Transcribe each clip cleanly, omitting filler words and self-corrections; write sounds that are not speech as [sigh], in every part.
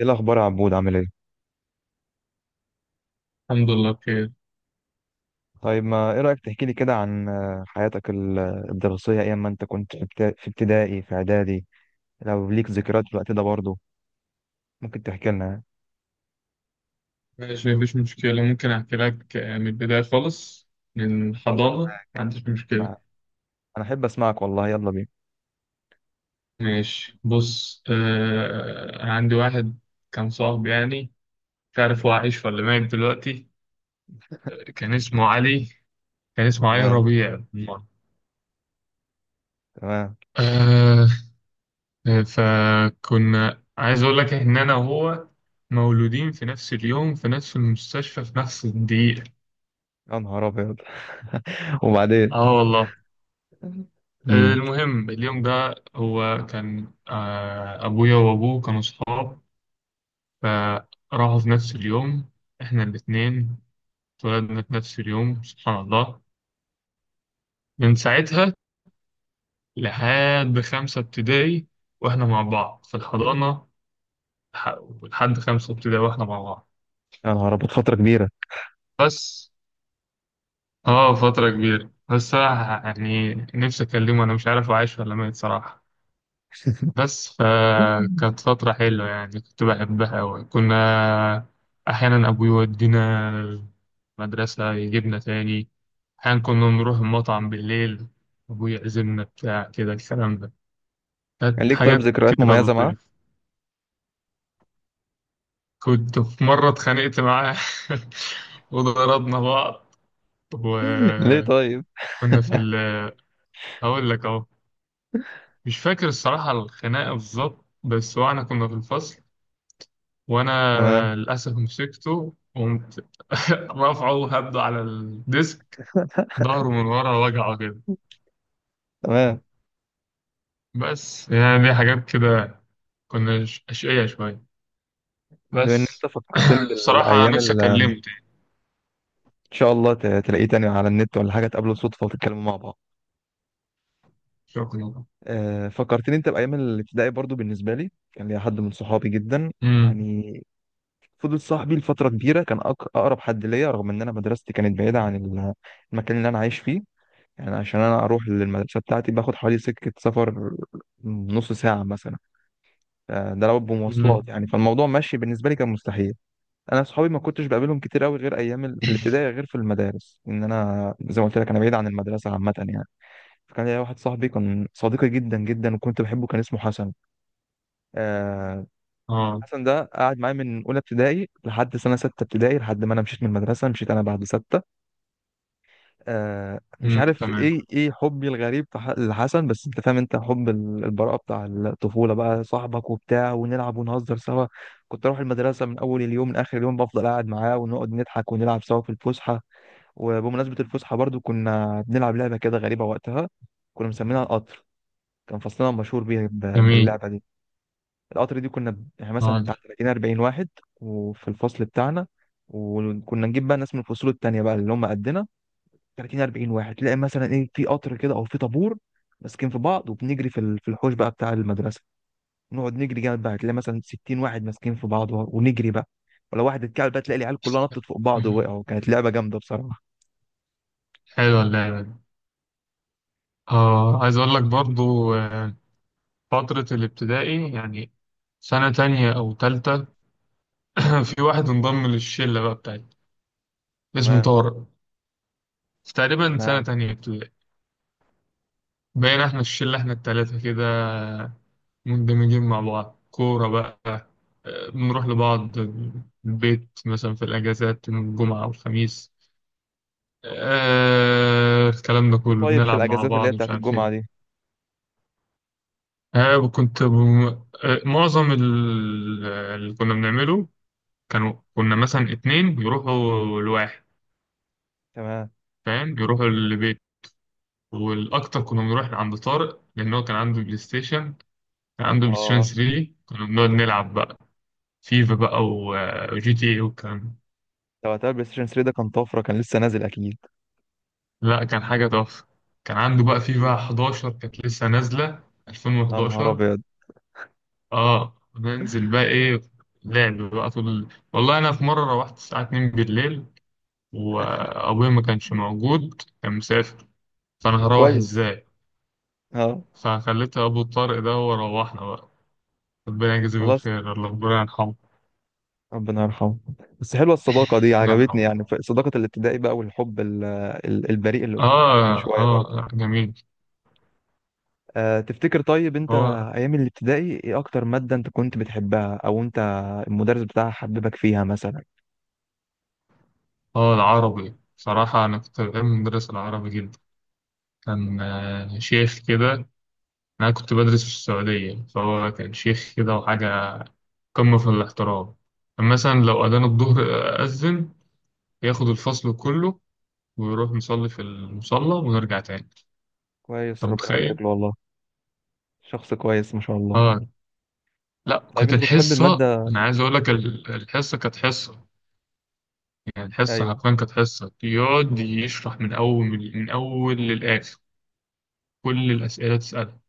ايه الاخبار يا عبود، عامل ايه؟ الحمد لله بخير. طيب، ما ايه رايك تحكي لي كده عن حياتك الدراسيه، ايام ما انت كنت في في ابتدائي في اعدادي. لو ليك ذكريات في الوقت ده برضه، ممكن تحكي لنا. ماشي، مفيش مشكلة. ممكن أحكي لك من البداية خالص، من يلا. الحضانة. ما عنديش مشكلة. انا أنا احب اسمعك والله، يلا بينا. ماشي، بص عندي واحد كان صاحبي، يعني مش عارف هو عايش ولا ميت دلوقتي. كان اسمه علي، كان اسمه علي تمام، ربيع بالمرة. تمام. آه فكنا عايز أقول لك إن أنا وهو مولودين في نفس اليوم، في نفس المستشفى، في نفس الدقيقة. يا نهار ابيض! [laughs] وبعدين؟ اه والله. امم. المهم اليوم ده هو كان، أبويا وأبوه كانوا صحاب، فراحوا في نفس اليوم. إحنا الاتنين اتولدنا في نفس اليوم، سبحان الله. من ساعتها لحد خمسة ابتدائي وإحنا مع بعض في الحضانة. لحد خمسة ابتدائي وإحنا مع بعض. يا نهار ابيض، فتره كبيره. بس فترة كبيرة، بس صراحة يعني نفسي أكلمه، أنا مش عارف هو عايش ولا ميت صراحة. [laughs] بس فكانت فترة حلوة يعني، كنت بحبها أوي. كنا أحيانا أبوي يودينا مدرسة، يجيبنا تاني. أحيانا كنا نروح المطعم بالليل، أبوي يعزمنا بتاع كده الكلام ده. كان كانت ليك طيب حاجات ذكريات كده مميزه معاه؟ لطيفة. كنت في مرة اتخانقت معاه [laughs] وضربنا بعض. [laughs] ليه طيب؟ وكنا في ال هقول لك أهو. مش فاكر الصراحة الخناقة بالظبط، بس واحنا كنا في الفصل، وانا تمام، للاسف مسكته، قمت [laughs] رافعه هبده على الديسك، ظهره من ورا وجعه كده. تمام. بس يعني دي حاجات كده، كنا اشقية شوية. بما ان بس انت فكرتني [clears throat] الصراحة بالايام نفسي اللي. اكلمه تاني. ان شاء الله تلاقيه تاني على النت، ولا حاجه تقابله صدفه وتتكلموا مع بعض. شكرا. فكرتني انت بايام الابتدائي برضو. بالنسبه لي كان ليا حد من صحابي جدا، امم يعني فضل صاحبي لفتره كبيره، كان اقرب حد ليا، رغم ان انا مدرستي كانت بعيده عن المكان اللي انا عايش فيه. يعني عشان انا اروح للمدرسه بتاعتي باخد حوالي سكه سفر، نص ساعه مثلا. ده لو بمواصلات امم يعني، فالموضوع ماشي. بالنسبه لي كان مستحيل. انا صحابي ما كنتش بقابلهم كتير قوي غير ايام في [clears throat] الابتدائي، غير في المدارس. ان انا زي ما قلت لك انا بعيد عن المدرسه عامه يعني. كان ليا واحد صاحبي كان صديقي جدا جدا، وكنت بحبه. كان اسمه حسن. آه، اه. حسن ده قعد معايا من اولى ابتدائي لحد سنه سته ابتدائي، لحد ما انا مشيت من المدرسه. مشيت انا بعد سته. مش عارف تمام. ايه حبي الغريب في لحسن، بس انت فاهم، انت حب البراءه بتاع الطفوله بقى، صاحبك وبتاع ونلعب ونهزر سوا. كنت اروح المدرسه من اول اليوم لاخر اليوم بفضل قاعد معاه، ونقعد نضحك ونلعب سوا في الفسحه. وبمناسبه الفسحه برضو، كنا بنلعب لعبه كده غريبه وقتها. كنا مسمينها القطر. كان فصلنا مشهور بيه جميل. باللعبه دي. القطر دي كنا يعني مثلا آه. بتاع 30 40 واحد وفي الفصل بتاعنا. وكنا نجيب بقى ناس من الفصول التانية بقى اللي هم قدنا، 30 40 واحد، تلاقي مثلا ايه في قطر كده او في طابور، ماسكين في بعض وبنجري في في الحوش بقى بتاع المدرسة. نقعد نجري جامد بقى، تلاقي مثلا 60 واحد ماسكين في بعض ونجري بقى. ولو واحد اتكعبل بقى تلاقي العيال كلها نطت فوق بعض ووقعوا. [clears throat] كانت لعبة جامدة بصراحة. حلوة اللعبة دي. اه عايز اقول لك برضو، فترة الابتدائي يعني، سنة تانية او تالتة. [clears throat] في واحد انضم للشلة بقى بتاعتي، اسمه تمام، طارق، تقريبا سنة تمام. تانية ابتدائي. بقينا احنا الشلة، احنا التلاتة كده مندمجين مع بعض، كورة بقى، بنروح لبعض البيت مثلا في الأجازات من الجمعة والخميس. الكلام ده تفكروا كله طيب في بنلعب مع الاجازات اللي بعض، هي مش بتاعت عارف الجمعة ايه. دي؟ آه وكنت بم... معظم اللي كنا بنعمله، كنا مثلا اتنين يروحوا لواحد. تمام. فاهم، يروحوا لبيت. والأكتر كنا بنروح عند طارق، لأن هو كان عنده بلاي ستيشن. كان عنده بلاي ستيشن اه، 3، كنا بنقعد نلعب بقى فيفا بقى وجي تي اي والكلام ده. ده وقتها البلاي ستيشن 3 ده كان طفرة، كان لسه نازل اكيد. لا كان حاجة تحفة، كان عنده بقى أكيد. فيفا 11، كانت لسه نازلة، يا نهار 2011. ابيض! اه ننزل بقى ايه، لعب بقى طول والله انا في مرة روحت الساعة 2 بالليل، وابويا ما كانش موجود، كان مسافر، فانا ده هروح كويس. ازاي؟ اه فخليت ابو طارق ده، وروحنا بقى. ربنا يجازيه والله بالخير، الله ربنا يرحمه. ربنا يرحمه. بس حلوه الصداقه دي، الله يرحمه. عجبتني يعني، صداقه الابتدائي بقى، والحب البريء اللي قلت لك عليه من اه شويه برضه. اه جميل. أه، تفتكر طيب انت هو ايام الابتدائي ايه اكتر ماده انت كنت بتحبها، او انت المدرس بتاعها حببك فيها مثلا؟ هو العربي. صراحة أنا كنت بحب مدرس العربي جدا. كان، شيخ كده. أنا كنت بدرس في السعودية، فهو كان شيخ كده وحاجة، قمة في الاحترام. كان مثلا لو أذان الظهر أذن، ياخد الفصل كله ويروح نصلي في المصلى ونرجع تاني. كويس، أنت ربنا متخيل؟ يبارك له والله. شخص كويس ما شاء الله. آه. لا طيب، كانت انت كنت بتحب الحصة، الماده؟ أنا عايز أقول لك الحصة كانت حصة، يعني الحصة ايوه. حرفيا كانت حصة يقعد يشرح من أول للآخر. كل الأسئلة تسألها.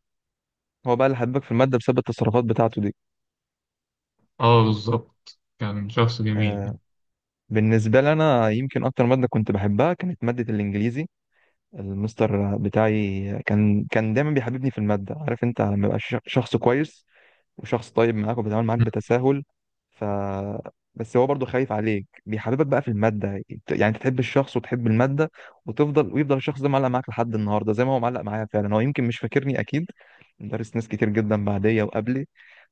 هو بقى اللي حببك في الماده بسبب التصرفات بتاعته دي؟ اه بالظبط، كان شخص جميل يعني. أه. بالنسبه لي انا يمكن اكتر ماده كنت بحبها كانت ماده الانجليزي. المستر بتاعي كان دايما بيحببني في المادة. عارف انت لما يبقى شخص كويس، وشخص طيب معاك وبيتعامل معاك بتساهل. ف، بس هو برضه خايف عليك، بيحببك بقى في المادة. يعني انت تحب الشخص وتحب المادة. وتفضل، ويفضل الشخص ده معلق معاك لحد النهاردة، زي ما هو معلق معايا فعلا. هو يمكن مش فاكرني اكيد، درس ناس كتير جدا بعديا وقبلي.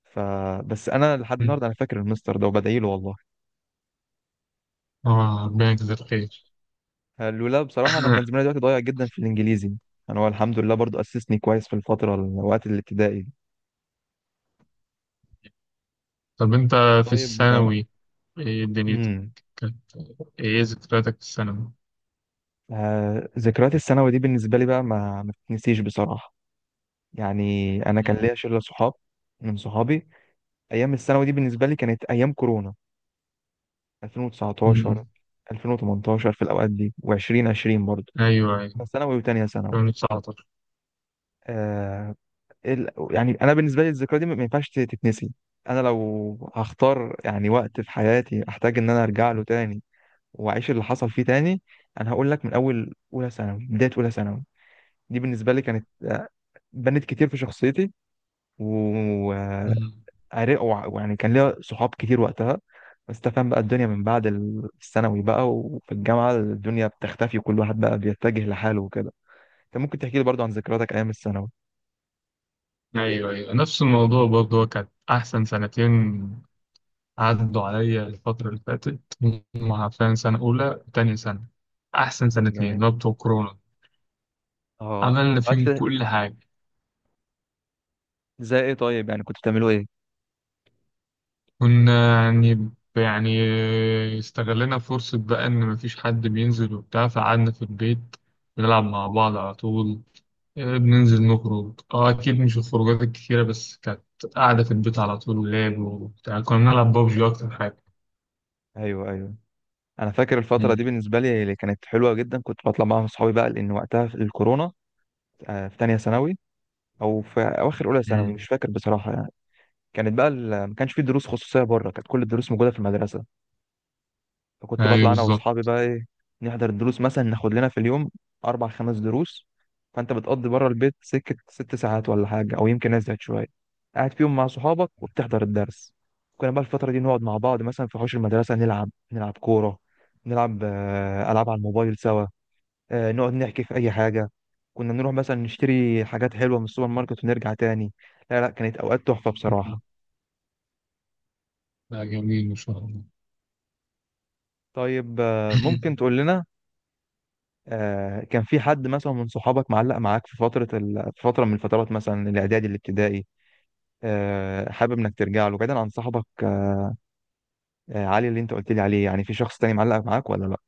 ف، بس انا لحد مم. النهارده انا فاكر المستر ده وبدعي له والله. اه ربنا يجزاه الخير. قالوا لا، بصراحة أنا كان زماني [coughs] دلوقتي ضايع جدا في الإنجليزي. أنا هو الحمد لله برضو أسسني كويس في الفترة الوقت الابتدائي دي. طب انت في طيب، آه، الثانوي ايه دنيتك أمم كانت؟ ايه ذكرياتك في الثانوي؟ آه، ذكريات الثانوي دي بالنسبة لي بقى ما تتنسيش بصراحة. يعني، أنا كان مم. ليا شلة صحاب من صحابي. أيام الثانوي دي بالنسبة لي كانت أيام كورونا، 2019، مم. 2018 في الأوقات دي، و2020 برضو، ايوه ايوه. ثانوي وتانية ثانوي. 2019. آه، يعني انا بالنسبه لي الذكرى دي ما ينفعش تتنسي. انا لو هختار يعني وقت في حياتي احتاج ان انا ارجع له تاني واعيش اللي حصل فيه تاني، انا هقول لك من اول اولى ثانوي، بدايه اولى ثانوي. دي بالنسبه لي كانت، بنت كتير في شخصيتي. ويعني مم. كان ليا صحاب كتير وقتها. بس تفهم بقى الدنيا من بعد الثانوي بقى، وفي الجامعه الدنيا بتختفي، وكل واحد بقى بيتجه لحاله وكده. انت ممكن تحكي لي برضو عن ذكرياتك ايام الثانوي؟ ايوه ايوه، نفس الموضوع برضه. هو كانت احسن سنتين عدوا عليا الفترة اللي فاتت، هم عارفين، سنة أولى وتانية سنة، أحسن سنتين، جميل. اللي هو بتوع كورونا. اه. عملنا فيهم الوقت. كل حاجة. زي ايه طيب، يعني كنتوا بتعملوا ايه؟ كنا يعني يعني استغلنا فرصة بقى إن مفيش حد بينزل وبتاع، فقعدنا في البيت بنلعب مع بعض على طول. بننزل نخرج، اه أكيد مش الخروجات الكتيرة، بس كانت قاعدة في البيت على طول، ولعب وبتاع، كنا بنلعب بابجي أكتر حاجة. ايوه، ايوه. انا فاكر الفتره مم. دي بالنسبه لي اللي كانت حلوه جدا، كنت بطلع معاهم اصحابي بقى لان وقتها في الكورونا، في تانية ثانوي او في اواخر اولى ثانوي، مم. مش فاكر بصراحه يعني. كانت بقى ما كانش في دروس خصوصيه بره، كانت كل الدروس موجوده في المدرسه. فكنت أيوه بطلع انا واصحابي بالظبط. بقى ايه، نحضر الدروس، مثلا ناخد لنا في اليوم اربع خمس دروس. فانت بتقضي بره البيت سكه 6 ساعات ولا حاجه، او يمكن ازيد شويه، قاعد فيهم مع صحابك وبتحضر الدرس. كنا بقى الفتره دي نقعد مع بعض مثلا في حوش المدرسه، نلعب كوره، نلعب العاب على الموبايل سوا، نقعد نحكي في اي حاجه. كنا نروح مثلا نشتري حاجات حلوه من السوبر ماركت ونرجع تاني. لا، لا، كانت اوقات تحفه مم. بصراحه. لا جميل ما شاء الله. طيب، ممكن تقول [laughs] لنا كان في حد مثلا من صحابك معلق معاك في فترة في فترة من الفترات، مثلا الإعدادي الابتدائي، حابب إنك ترجع له بعيدا عن صاحبك، علي اللي أنت قلت لي عليه، يعني في شخص تاني معلق معاك ولا لأ؟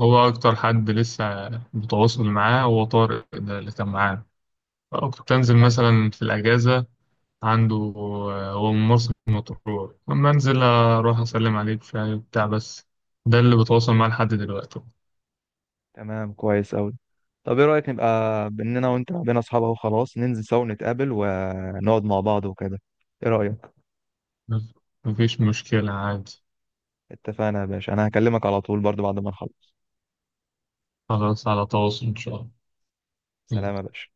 هو أكتر حد لسه بتواصل معاه هو طارق ده اللي كان معانا. كنت أنزل علي. مثلا في الأجازة عنده. هو من مرسى مطروح، أما أنزل أروح أسلم عليك شاي وبتاع بس، ده اللي بتواصل معاه لحد دلوقتي. تمام، كويس أوي. طب إيه رأيك نبقى، بإننا وأنت بقينا أصحاب أهو، خلاص ننزل سوا نتقابل ونقعد مع بعض وكده، إيه رأيك؟ بس مفيش مشكلة عادي. اتفقنا يا باشا، أنا هكلمك على طول برضو بعد ما نخلص. خلاص، على تواصل إن شاء سلام يا الله باشا.